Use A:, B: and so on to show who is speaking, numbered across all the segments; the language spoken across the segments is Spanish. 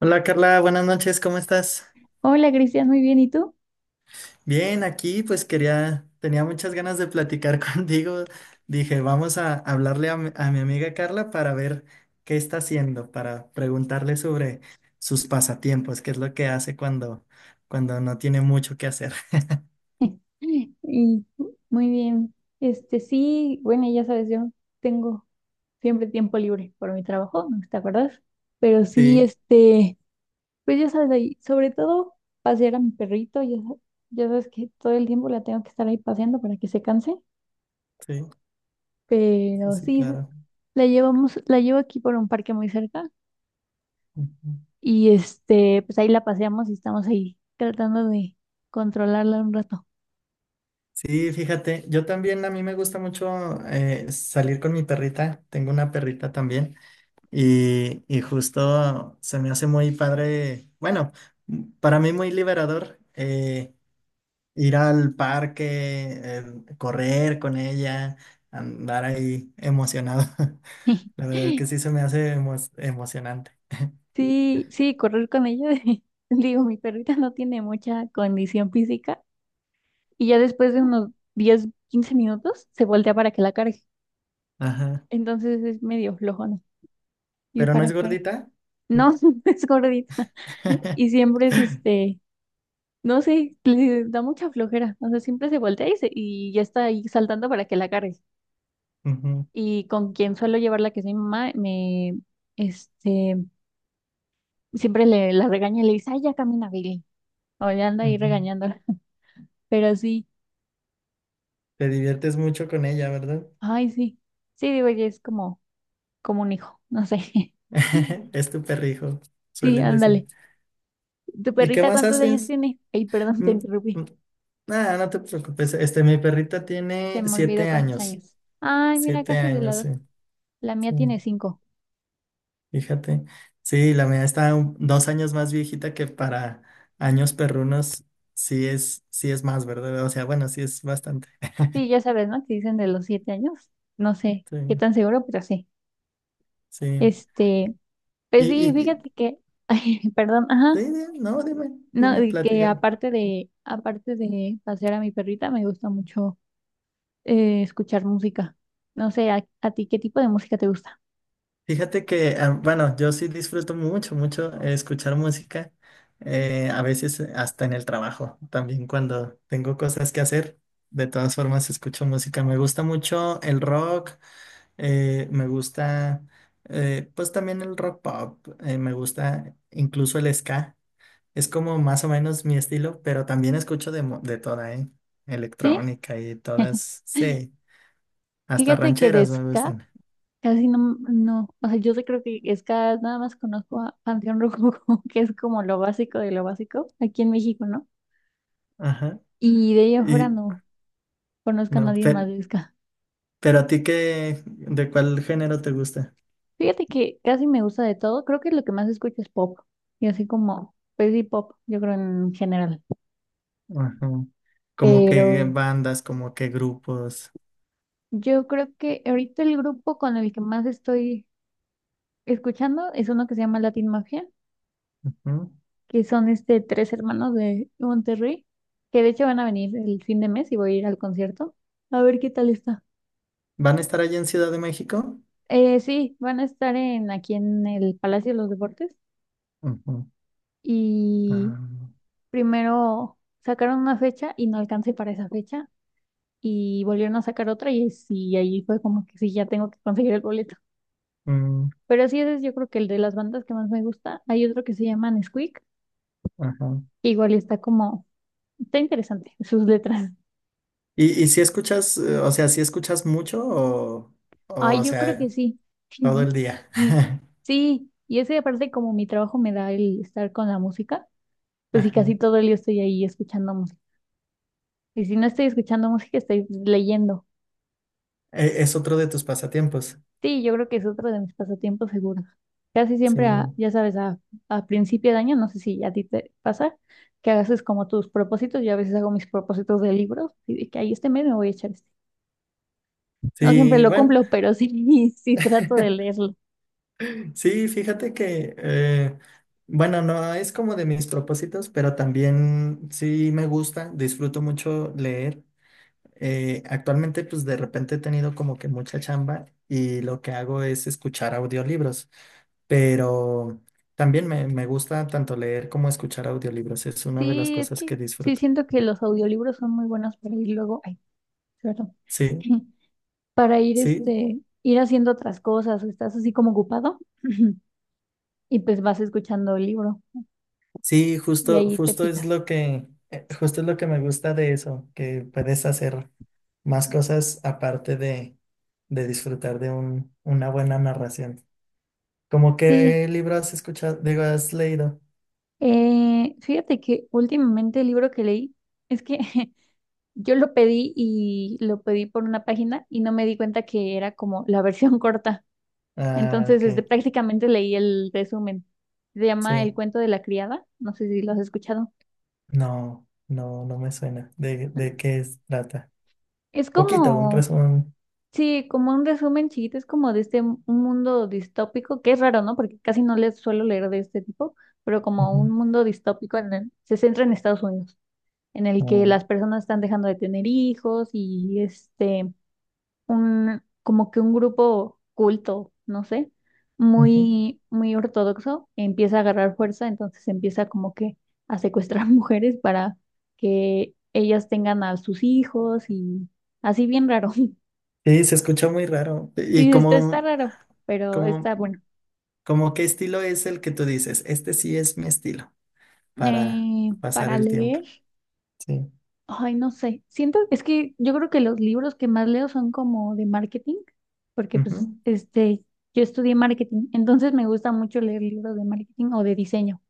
A: Hola Carla, buenas noches, ¿cómo estás?
B: Hola Cristian, muy bien, ¿y tú?
A: Bien, aquí pues quería, tenía muchas ganas de platicar contigo. Dije, vamos a hablarle a mi amiga Carla para ver qué está haciendo, para preguntarle sobre sus pasatiempos, qué es lo que hace cuando no tiene mucho que hacer.
B: Y muy bien. Este sí, bueno, ya sabes, yo tengo siempre tiempo libre por mi trabajo, ¿no te acuerdas? Pero sí,
A: Sí,
B: este, pues ya sabes, ahí, sobre todo pasear a mi perrito, ya, ya sabes que todo el tiempo la tengo que estar ahí paseando para que se canse,
A: sí, sí,
B: pero
A: sí,
B: sí,
A: claro.
B: la llevamos, la llevo aquí por un parque muy cerca
A: Ujú.
B: y este, pues ahí la paseamos y estamos ahí tratando de controlarla un rato.
A: Sí, fíjate, yo también a mí me gusta mucho salir con mi perrita, tengo una perrita también. Y justo se me hace muy padre, bueno, para mí muy liberador, ir al parque, el correr con ella, andar ahí emocionado. La verdad es que sí se me hace emocionante.
B: Sí, sí, correr con ella. Digo, mi perrita no tiene mucha condición física y ya después de unos 10, 15 minutos se voltea para que la cargue.
A: Ajá.
B: Entonces es medio flojona. Y
A: Pero no
B: para
A: es
B: correr.
A: gordita. Mm.
B: No, es gordita. Y siempre es este, no sé, le da mucha flojera. O sea, siempre se voltea y ya está ahí saltando para que la cargue.
A: Ujú,
B: Y con quien suelo llevarla, que es mi mamá, me, este, siempre la regaña y le dice, ay, ya camina, Billy. O ya anda ahí
A: ujú.
B: regañándola. Pero sí.
A: Te diviertes mucho con ella, ¿verdad?
B: Ay, sí. Sí, digo, ya es como, como un hijo, no sé.
A: Es tu perrijo,
B: Sí,
A: suelen decir.
B: ándale. ¿Tu
A: ¿Y qué
B: perrita
A: más
B: cuántos años
A: haces?
B: tiene? Ay, perdón, te
A: Mm,
B: interrumpí.
A: mm. Ah, no te preocupes. Este, mi perrita
B: Se
A: tiene
B: me olvidó
A: siete
B: cuántos
A: años.
B: años. Ay, mira,
A: Siete
B: casi de la
A: años,
B: edad.
A: sí.
B: La mía
A: Sí,
B: tiene 5.
A: fíjate. Sí, la mía está 2 años más viejita que para años perrunos. Sí es más, ¿verdad? O sea, bueno, sí es bastante.
B: Sí, ya sabes, ¿no? Que dicen de los 7 años. No sé
A: Sí,
B: qué tan seguro, pero sí.
A: sí.
B: Este, pues sí,
A: Y-
B: fíjate que, ay, perdón, ajá.
A: sí, di- no, dime,
B: No,
A: dime,
B: de que
A: plática.
B: aparte de pasear a mi perrita, me gusta mucho escuchar música. No sé, ¿a ti qué tipo de música te gusta?
A: Fíjate que, ah, bueno, yo sí disfruto mucho, mucho, escuchar música, a veces, hasta en el trabajo, también cuando tengo cosas que hacer, de todas formas escucho música. Me gusta mucho el rock, me gusta, pues también el rock pop, me gusta incluso el ska, es como más o menos mi estilo, pero también escucho de toda, ¿eh?
B: ¿Sí?
A: Electrónica y todas, sí, hasta
B: Fíjate que de
A: rancheras me
B: ska
A: gustan.
B: casi no, no, o sea, yo sí creo que ska nada más conozco a Panteón Rococó, que es como lo básico de lo básico aquí en México, ¿no?
A: Ajá.
B: Y de ahí afuera
A: Y
B: no conozco a
A: no,
B: nadie
A: pero,
B: más de ska.
A: Pero a ti qué, ¿de cuál género te gusta?
B: Fíjate que casi me gusta de todo, creo que lo que más escucho es pop, y así como, pues sí, pop, yo creo en general.
A: Ajá. Como que
B: Pero
A: bandas, como que grupos.
B: yo creo que ahorita el grupo con el que más estoy escuchando es uno que se llama Latin Mafia
A: Ujú.
B: que son este tres hermanos de Monterrey, que de hecho van a venir el fin de mes y voy a ir al concierto. A ver qué tal está.
A: ¿Van a estar allá en Ciudad de México?
B: Sí, van a estar en aquí en el Palacio de los Deportes
A: Ujú.
B: y
A: Ah,
B: primero sacaron una fecha y no alcancé para esa fecha y volvieron a sacar otra y sí, ahí fue como que sí, ya tengo que conseguir el boleto.
A: mm,
B: Pero sí, ese es yo creo que el de las bandas que más me gusta. Hay otro que se llama Nesquik,
A: ajá.
B: que igual está como, está interesante sus letras.
A: Y si escuchas, o sea, si escuchas mucho o
B: Ay,
A: o
B: yo creo que
A: sea,
B: sí.
A: todo el día?
B: Mm, sí, y ese aparte como mi trabajo me da el estar con la música, pues sí, casi
A: Ajá.
B: todo el día estoy ahí escuchando música. Y si no estoy escuchando música, estoy leyendo.
A: E- Es otro de tus pasatiempos.
B: Sí, yo creo que es otro de mis pasatiempos seguros. Casi
A: Sí.
B: siempre, ya sabes, a principio de año, no sé si a ti te pasa, que hagas es como tus propósitos. Yo a veces hago mis propósitos de libros y de que ahí este mes me voy a echar este. No siempre
A: Sí,
B: lo
A: bueno.
B: cumplo, pero sí, sí trato de leerlos.
A: Sí, fíjate que, bueno, no es como de mis propósitos, pero también sí me gusta, disfruto mucho leer. Actualmente, pues de repente he tenido como que mucha chamba y lo que hago es escuchar audiolibros, pero también me gusta tanto leer como escuchar audiolibros, es una de las
B: Sí, es
A: cosas
B: que
A: que
B: sí
A: disfruto.
B: siento que los audiolibros son muy buenos para ir luego, ay, perdón,
A: Sí,
B: para ir
A: sí,
B: este, ir haciendo otras cosas, o estás así como ocupado y pues vas escuchando el libro
A: sí,
B: y
A: justo,
B: ahí te
A: justo es
B: picas.
A: lo que, justo es lo que me gusta de eso, que puedes hacer más cosas aparte de disfrutar de un, una buena narración. ¿Cómo
B: Sí,
A: qué libro has escuchado? Digo, has leído.
B: fíjate que últimamente el libro que leí es que yo lo pedí y lo pedí por una página y no me di cuenta que era como la versión corta.
A: Ah,
B: Entonces,
A: ok,
B: este, prácticamente leí el resumen. Se llama El
A: sí.
B: cuento de la criada, no sé si lo has escuchado.
A: No, no, no me suena. De qué trata?
B: Es
A: Poquito, un
B: como,
A: resumen.
B: sí, como un resumen chiquito, es como de este un mundo distópico, que es raro, ¿no? Porque casi no les suelo leer de este tipo, pero como un
A: Ujú,
B: mundo distópico se centra en Estados Unidos, en el que
A: oh,
B: las personas están dejando de tener hijos y este, un, como que un grupo culto, no sé,
A: ujú.
B: muy, muy ortodoxo, empieza a agarrar fuerza, entonces empieza como que a secuestrar mujeres para que ellas tengan a sus hijos y así bien raro.
A: Sí, se escucha muy raro. ¿Y
B: Sí, está raro, pero está
A: como
B: bueno.
A: como qué estilo es el que tú dices? Este sí es mi estilo para pasar
B: Para
A: el tiempo.
B: leer,
A: Sí.
B: ay, no sé. Siento, es que yo creo que los libros que más leo son como de marketing, porque pues, este, yo estudié marketing, entonces me gusta mucho leer libros de marketing o de diseño.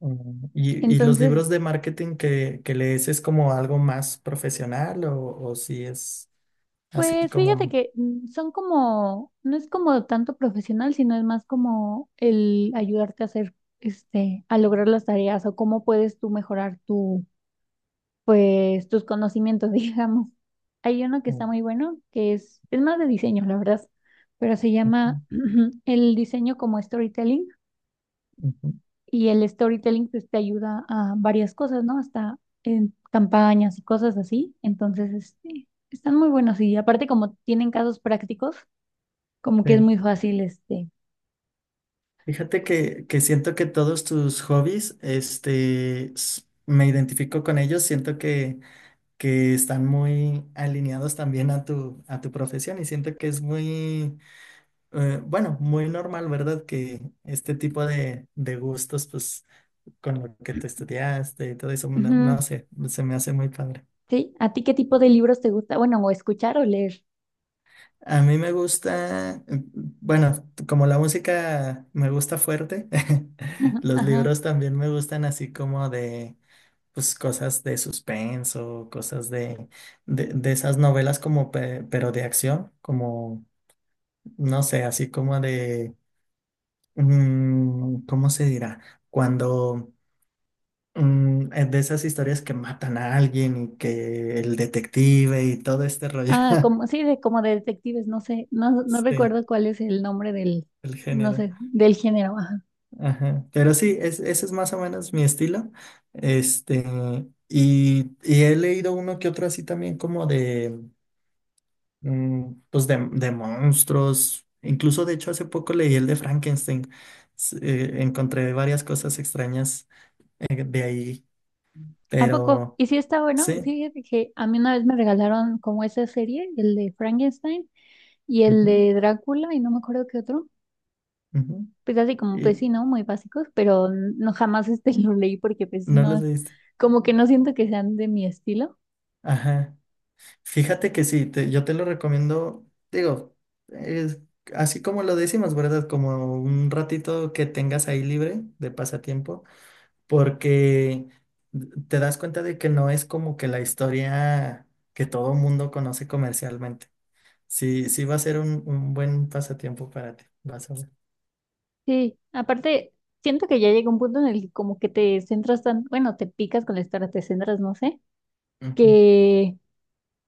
A: Mm, ¿y, y los
B: Entonces,
A: libros de marketing que lees es como algo más profesional o si es así
B: pues fíjate
A: como...
B: que mm, son como, no es como tanto profesional, sino es más como el ayudarte a hacer, este, a lograr las tareas o cómo puedes tú mejorar tu pues tus conocimientos, digamos. Hay uno que
A: Mm,
B: está muy bueno, que es más de diseño, la verdad, pero se
A: ujú,
B: llama el diseño como storytelling
A: ujú,
B: y el storytelling pues te ayuda a varias cosas, ¿no? Hasta en campañas y cosas así. Entonces, este, están muy buenos y aparte como tienen casos prácticos, como que es
A: sí.
B: muy fácil, este.
A: Fíjate que siento que todos tus hobbies, este, me identifico con ellos, siento que están muy alineados también a tu profesión y siento que es muy, bueno, muy normal, ¿verdad? Que este tipo de gustos, pues con lo que tú estudiaste y todo eso, no,
B: Ujú,
A: no sé, se me hace muy padre.
B: sí, ¿a ti qué tipo de libros te gusta? Bueno, o escuchar o leer.
A: A mí me gusta, bueno, como la música me gusta fuerte, los
B: Ajá.
A: libros también me gustan así como de, pues cosas de suspenso, cosas de esas novelas como, pero de acción, como, no sé, así como de, mm, ¿cómo se dirá? Cuando... Mm, de esas historias que matan a alguien y que el detective y todo este rollo.
B: Ah, como, sí, de, como de detectives, no sé, no, no
A: Sí,
B: recuerdo cuál es el nombre del,
A: el
B: no
A: género.
B: sé, del género, ajá.
A: Ajá. Pero sí, es, ese es más o menos mi estilo. Este, y he leído uno que otro así también como de, mm, pues de monstruos. Incluso, de hecho, hace poco leí el de Frankenstein. Encontré varias cosas extrañas, de ahí,
B: ¿A poco?
A: pero
B: ¿Y si está bueno?
A: sí.
B: Fíjate que a mí una vez me regalaron como esa serie, el de Frankenstein y el
A: Ujú,
B: de Drácula y no me acuerdo qué otro.
A: ujú.
B: Pues así como, pues
A: ¿Y
B: sí, ¿no? Muy básicos, pero no jamás este lo leí porque pues sí,
A: no los
B: no,
A: leíste?
B: como que no siento que sean de mi estilo.
A: Ajá. Fíjate que sí, yo te lo recomiendo, digo, es así como lo decimos, ¿verdad? Como un ratito que tengas ahí libre de pasatiempo, porque te das cuenta de que no es como que la historia que todo mundo conoce comercialmente. Sí, sí va a ser un buen pasatiempo para ti, vas a ver.
B: Sí, aparte, siento que ya llega un punto en el que como que te centras tan, bueno, te picas con la historia, te centras, no sé
A: Ujú.
B: que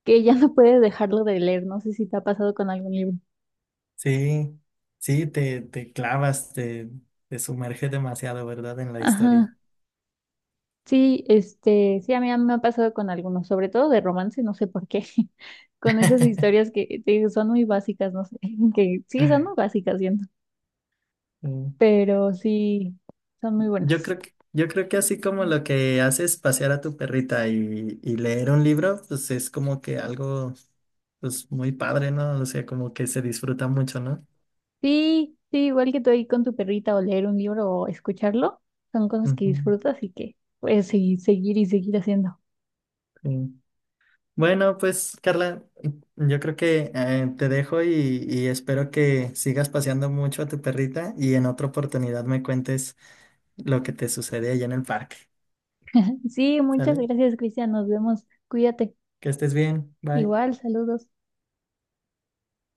B: que ya no puedes dejarlo de leer. No sé si te ha pasado con algún libro.
A: Sí, sí, te clavas, te sumerge demasiado, ¿verdad? En la historia.
B: Ajá. Sí, este, sí, a mí me ha pasado con algunos, sobre todo de romance, no sé por qué, con esas historias que te digo, son muy básicas, no sé, que sí, son muy básicas, siento, pero sí, son muy buenas.
A: Yo creo que así como lo que haces pasear a tu perrita y leer un libro, pues es como que algo pues muy padre, ¿no? O sea, como que se disfruta mucho, ¿no?
B: Sí, sí, igual que tú ahí con tu perrita o leer un libro o escucharlo, son cosas que
A: Ujú,
B: disfrutas y que puedes seguir, seguir y seguir haciendo.
A: sí. Bueno, pues Carla, yo creo que, te dejo y espero que sigas paseando mucho a tu perrita y en otra oportunidad me cuentes lo que te sucede allá en el parque,
B: Sí, muchas
A: ¿sale?
B: gracias, Cristian, nos vemos, cuídate.
A: Que estés bien, bye.
B: Igual, saludos.